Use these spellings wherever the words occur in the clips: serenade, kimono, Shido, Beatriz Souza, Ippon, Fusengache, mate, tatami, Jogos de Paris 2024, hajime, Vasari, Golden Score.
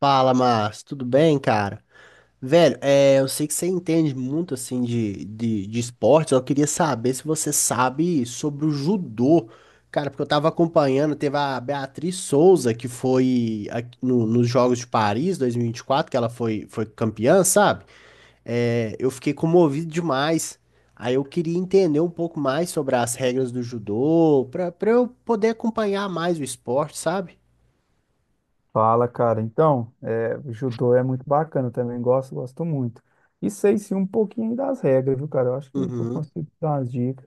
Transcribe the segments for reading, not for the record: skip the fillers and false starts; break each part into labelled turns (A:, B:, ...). A: Fala, Márcio, tudo bem, cara? Velho, é, eu sei que você entende muito assim de esportes, eu queria saber se você sabe sobre o judô. Cara, porque eu tava acompanhando, teve a Beatriz Souza, que foi aqui nos Jogos de Paris 2024, que ela foi campeã, sabe? É, eu fiquei comovido demais. Aí eu queria entender um pouco mais sobre as regras do judô, pra eu poder acompanhar mais o esporte, sabe?
B: Fala, cara. Então, o judô é muito bacana, eu também gosto, gosto muito. E sei sim um pouquinho das regras, viu, cara? Eu acho que eu
A: Uhum,
B: consigo dar umas dicas.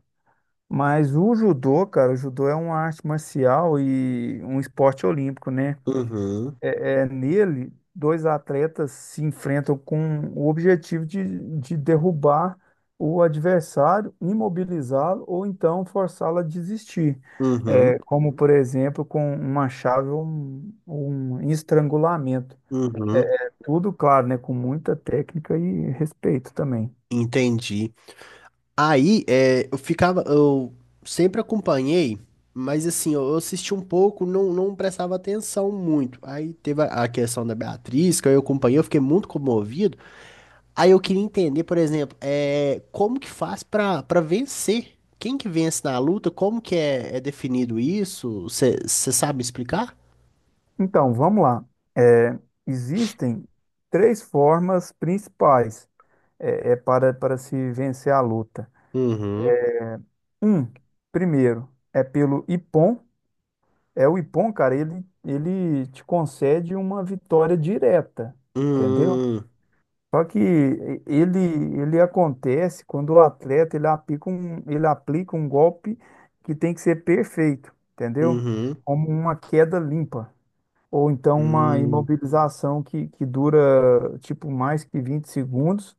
B: Mas o judô, cara, o judô é uma arte marcial e um esporte olímpico, né?
A: uhum,
B: É nele, dois atletas se enfrentam com o objetivo de derrubar o adversário, imobilizá-lo ou então forçá-lo a desistir.
A: uhum.
B: Como, por exemplo, com uma chave ou um estrangulamento. É
A: Uhum,
B: é tudo, claro, né? Com muita técnica e respeito também.
A: entendi. Aí, é, eu ficava, eu sempre acompanhei, mas assim, eu assisti um pouco, não, não prestava atenção muito. Aí teve a questão da Beatriz, que eu acompanhei, eu fiquei muito comovido. Aí eu queria entender, por exemplo, é, como que faz pra para vencer? Quem que vence na luta? Como que é definido isso? Você sabe explicar?
B: Então, vamos lá. É, Existem três formas principais para se vencer a luta.
A: Uhum.
B: Um, Primeiro, é pelo Ippon. É o Ippon, cara, ele te concede uma vitória direta, entendeu?
A: Hum,
B: Só que ele, ele acontece quando o atleta ele aplica um golpe que tem que ser perfeito, entendeu?
A: uhum.
B: Como uma queda limpa, ou então uma
A: Hum,
B: imobilização que dura tipo mais que 20 segundos,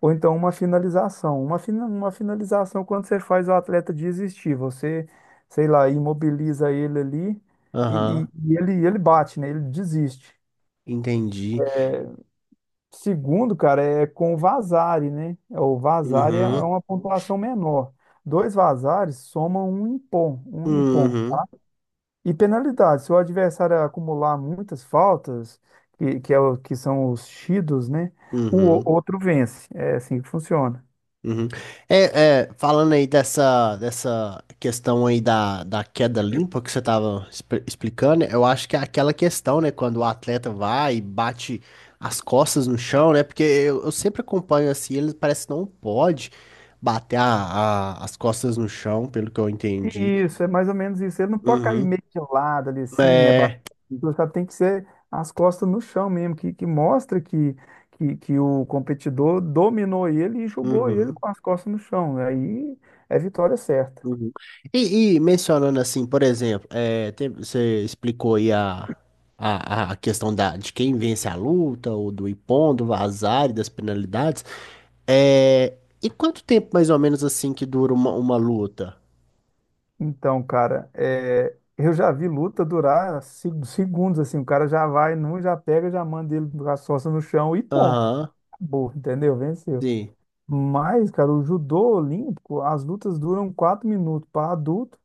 B: ou então uma finalização. Uma finalização quando você faz o atleta desistir, você, sei lá, imobiliza ele ali e,
A: aham,
B: e- e ele bate, né? Ele desiste.
A: entendi.
B: Segundo, cara, é com o Vasari, né? O Vasari é
A: Uhum.
B: uma pontuação menor. Dois Vasares somam um Ippon, um Ippon.
A: Uhum,
B: E penalidade, se o adversário acumular muitas faltas, que são os Shidos, né?
A: uhum,
B: Outro vence. É assim que funciona.
A: uhum. É, falando aí dessa questão aí da queda limpa que você estava explicando, eu acho que é aquela questão, né, quando o atleta vai e bate as costas no chão, né, porque eu sempre acompanho assim, ele parece que não pode bater as costas no chão, pelo que eu entendi.
B: Isso, é mais ou menos isso. Ele não pode cair
A: Uhum.
B: meio de lado ali assim, é bastante,
A: É,
B: sabe? Tem que ser as costas no chão mesmo, que mostra que o competidor dominou ele e jogou ele
A: uhum.
B: com as costas no chão. Aí é vitória certa.
A: Uhum. E mencionando assim, por exemplo, é, você explicou aí a questão de quem vence a luta, ou do Ippon, do Vazar e das penalidades. É, e quanto tempo mais ou menos assim que dura uma luta?
B: Então, cara, eu já vi luta durar segundos assim, o cara já vai num, já pega, já manda ele com as costas no chão e pô,
A: Aham,
B: acabou, entendeu? Venceu.
A: sim.
B: Mas, cara, o judô olímpico, as lutas duram 4 minutos para adulto.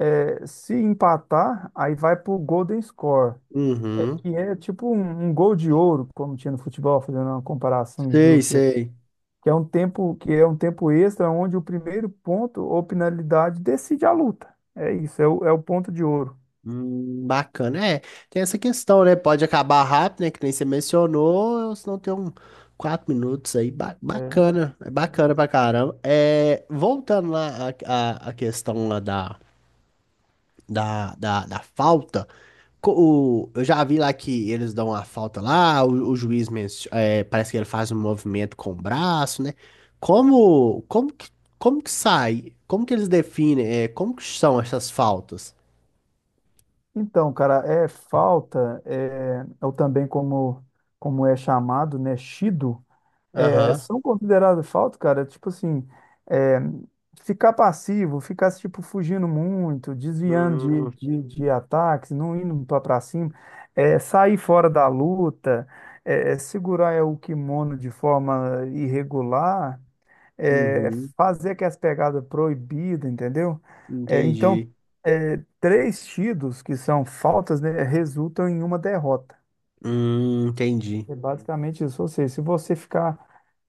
B: Se empatar, aí vai pro Golden Score,
A: Uhum.
B: que é tipo um gol de ouro, como tinha no futebol, fazendo uma comparação
A: Sei,
B: esdrúxula,
A: sei.
B: que é um tempo extra onde o primeiro ponto ou penalidade decide a luta. É isso, é o ponto de ouro.
A: Bacana, é. Tem essa questão, né? Pode acabar rápido, né? Que nem você mencionou, ou se não tem quatro minutos aí. Ba-
B: É.
A: bacana, é bacana pra caramba. É, voltando lá à questão lá da falta, co- eu já vi lá que eles dão a falta lá, o juiz é, parece que ele faz um movimento com o braço, né? Como, como que, como que sai? Como que eles definem? É, como que são essas faltas?
B: Então, cara, é falta, ou também como é chamado, né, shido,
A: Aham.
B: são consideradas falta, cara, tipo assim, é, ficar passivo, ficar, tipo, fugindo muito, desviando de ataques, não indo pra cima, sair fora da luta, é, segurar o kimono de forma irregular, é,
A: Uhum,
B: fazer aquelas pegadas proibidas, entendeu? Então,
A: entendi.
B: três tidos que são faltas, né, resultam em uma derrota.
A: Entendi.
B: É basicamente isso. Ou seja, se você ficar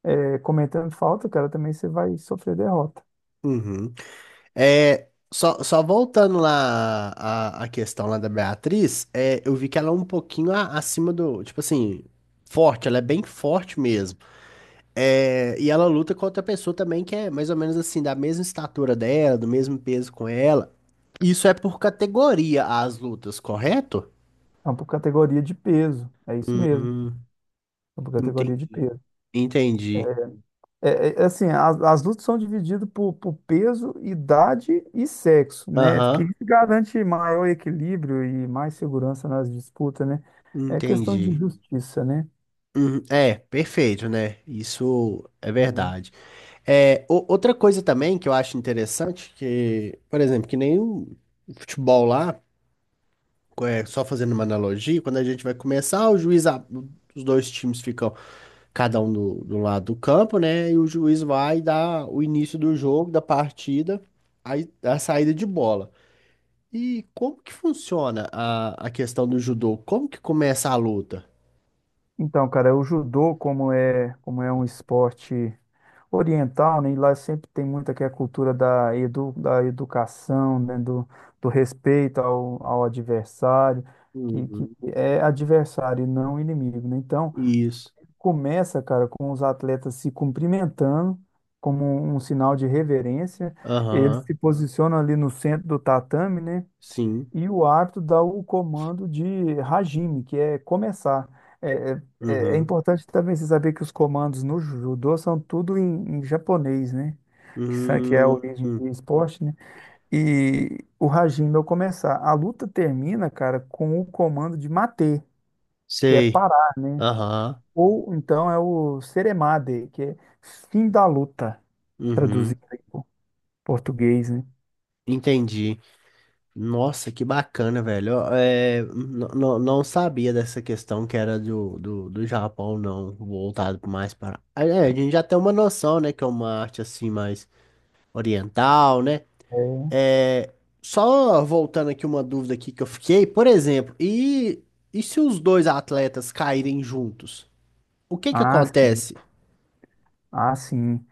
B: cometendo falta, cara, também você vai sofrer derrota.
A: Uhum. É, só voltando lá à questão lá da Beatriz, é, eu vi que ela é um pouquinho acima do, tipo assim, forte, ela é bem forte mesmo. É, e ela luta com outra pessoa também que é mais ou menos assim, da mesma estatura dela, do mesmo peso com ela. Isso é por categoria as lutas, correto?
B: Então, por categoria de peso. É isso mesmo.
A: Hum,
B: É por categoria de
A: entendi.
B: peso.
A: Entendi.
B: É assim, as lutas são divididas por peso, idade e sexo, né? Que
A: Aham,
B: isso garante maior equilíbrio e mais segurança nas disputas, né? É questão de
A: entendi.
B: justiça, né?
A: Uhum, É, perfeito, né? Isso é
B: É.
A: verdade. É, outra coisa também que eu acho interessante, que, por exemplo, que nem o futebol lá, é, só fazendo uma analogia, quando a gente vai começar, o juiz, os dois times ficam cada um do lado do campo, né? E o juiz vai dar o início do jogo, da partida, aí a saída de bola. E como que funciona a questão do judô? Como que começa a luta?
B: Então, cara, o judô, como é, um esporte oriental, né? E lá sempre tem muito aqui a cultura da educação, né? Do respeito ao adversário, que
A: Uhum.
B: é adversário e não inimigo, né? Então,
A: Isso.
B: começa, cara, com os atletas se cumprimentando como um sinal de reverência. Eles
A: Aham,
B: se posicionam ali no centro do tatame, né?
A: sim.
B: E o árbitro dá o comando de hajime, que é começar. É, É
A: Uhum.
B: importante também você saber que os comandos no judô são tudo em japonês, né? Que é a
A: Hum,
B: origem
A: hum.
B: do esporte, né? E o hajime é o começar. A luta termina, cara, com o comando de mate, que é
A: Sei.
B: parar, né?
A: Aham.
B: Ou então é o seremade, que é fim da luta, traduzindo
A: Uhum.
B: em português, né?
A: Entendi. Nossa, que bacana, velho. Ó, É, não sabia dessa questão que era do Japão, não, voltado mais para. Ah, É, a gente já tem uma noção, né, que é uma arte assim mais oriental, né?
B: É.
A: É, só voltando aqui uma dúvida aqui que eu fiquei, por exemplo, e se os dois atletas caírem juntos? O que que
B: Ah, sim.
A: acontece?
B: Ah, sim.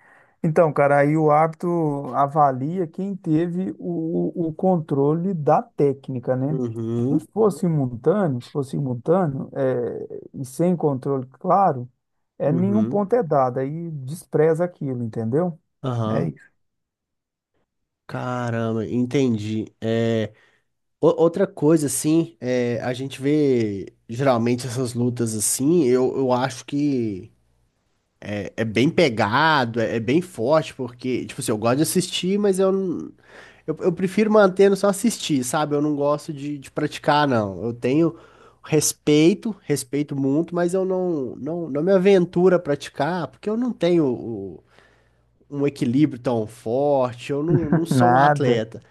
B: Então, cara, aí o árbitro avalia quem teve o controle da técnica, né?
A: Uhum,
B: Se fosse simultâneo, e sem controle claro, nenhum
A: uhum,
B: ponto é dado, aí despreza aquilo, entendeu? É
A: aham.
B: isso.
A: Caramba, entendi. É, outra coisa, assim, é, a gente vê geralmente essas lutas assim, eu acho que é bem pegado, é bem forte, porque, tipo assim, eu gosto de assistir, mas eu, não- eu prefiro mantendo só assistir, sabe? Eu não gosto de praticar, não. Eu tenho respeito, respeito muito, mas eu não me aventuro a praticar, porque eu não tenho um equilíbrio tão forte, eu não sou um
B: Nada,
A: atleta.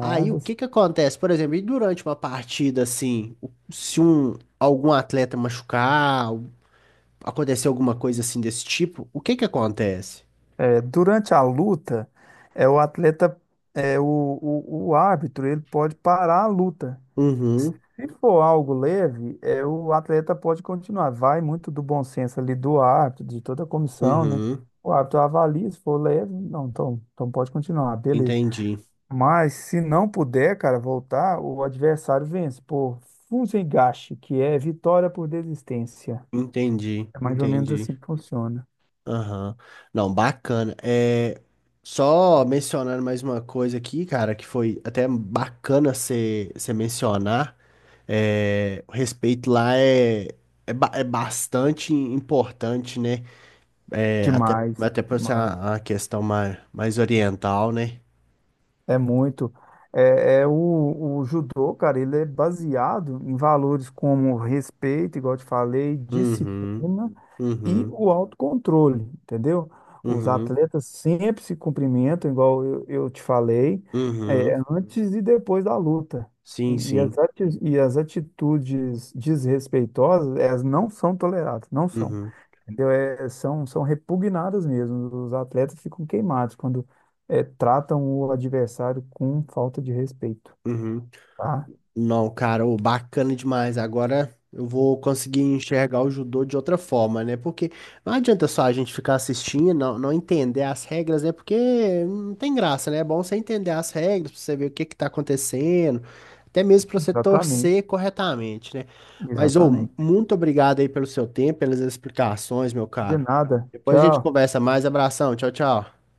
A: Aí o que que acontece? Por exemplo, e durante uma partida assim, se algum atleta machucar, ou acontecer alguma coisa assim desse tipo, o que que acontece?
B: Durante a luta, é o atleta, é o árbitro, ele pode parar a luta.
A: Uhum,
B: Se for algo leve, o atleta pode continuar. Vai muito do bom senso ali do árbitro, de toda a comissão, né?
A: uhum,
B: O árbitro avalia, se for leve, não, então, pode continuar, beleza.
A: entendi,
B: Mas se não puder, cara, voltar, o adversário vence por Fusengache, que é vitória por desistência.
A: entendi,
B: É mais ou menos
A: entendi.
B: assim que funciona.
A: Aham. Não, bacana. É, só mencionando mais uma coisa aqui, cara, que foi até bacana você mencionar. É, o respeito lá é bastante importante, né? É, até,
B: Demais,
A: até por ser
B: demais.
A: a questão mais oriental, né?
B: É muito. O judô, cara, ele é baseado em valores como respeito, igual eu te falei,
A: Uhum,
B: disciplina e
A: uhum,
B: o autocontrole, entendeu? Os
A: uhum,
B: atletas sempre se cumprimentam, igual eu te falei,
A: uhum.
B: antes e depois da luta.
A: Sim,
B: E, e as
A: sim.
B: ati- e as atitudes desrespeitosas, elas não são toleradas, não são.
A: Uhum,
B: Entendeu? São repugnadas mesmo. Os atletas ficam queimados quando tratam o adversário com falta de respeito.
A: uhum.
B: Tá?
A: Não, cara, ô, bacana demais. Agora eu vou conseguir enxergar o judô de outra forma, né? Porque não adianta só a gente ficar assistindo, não entender as regras, né? Porque não tem graça, né? É bom você entender as regras, pra você ver o que que tá acontecendo, até mesmo pra você
B: Exatamente.
A: torcer corretamente, né? Mas, ô,
B: Exatamente.
A: muito obrigado aí pelo seu tempo, pelas explicações, meu
B: De
A: caro.
B: nada.
A: Depois a gente
B: Tchau.
A: conversa mais. Abração, tchau, tchau.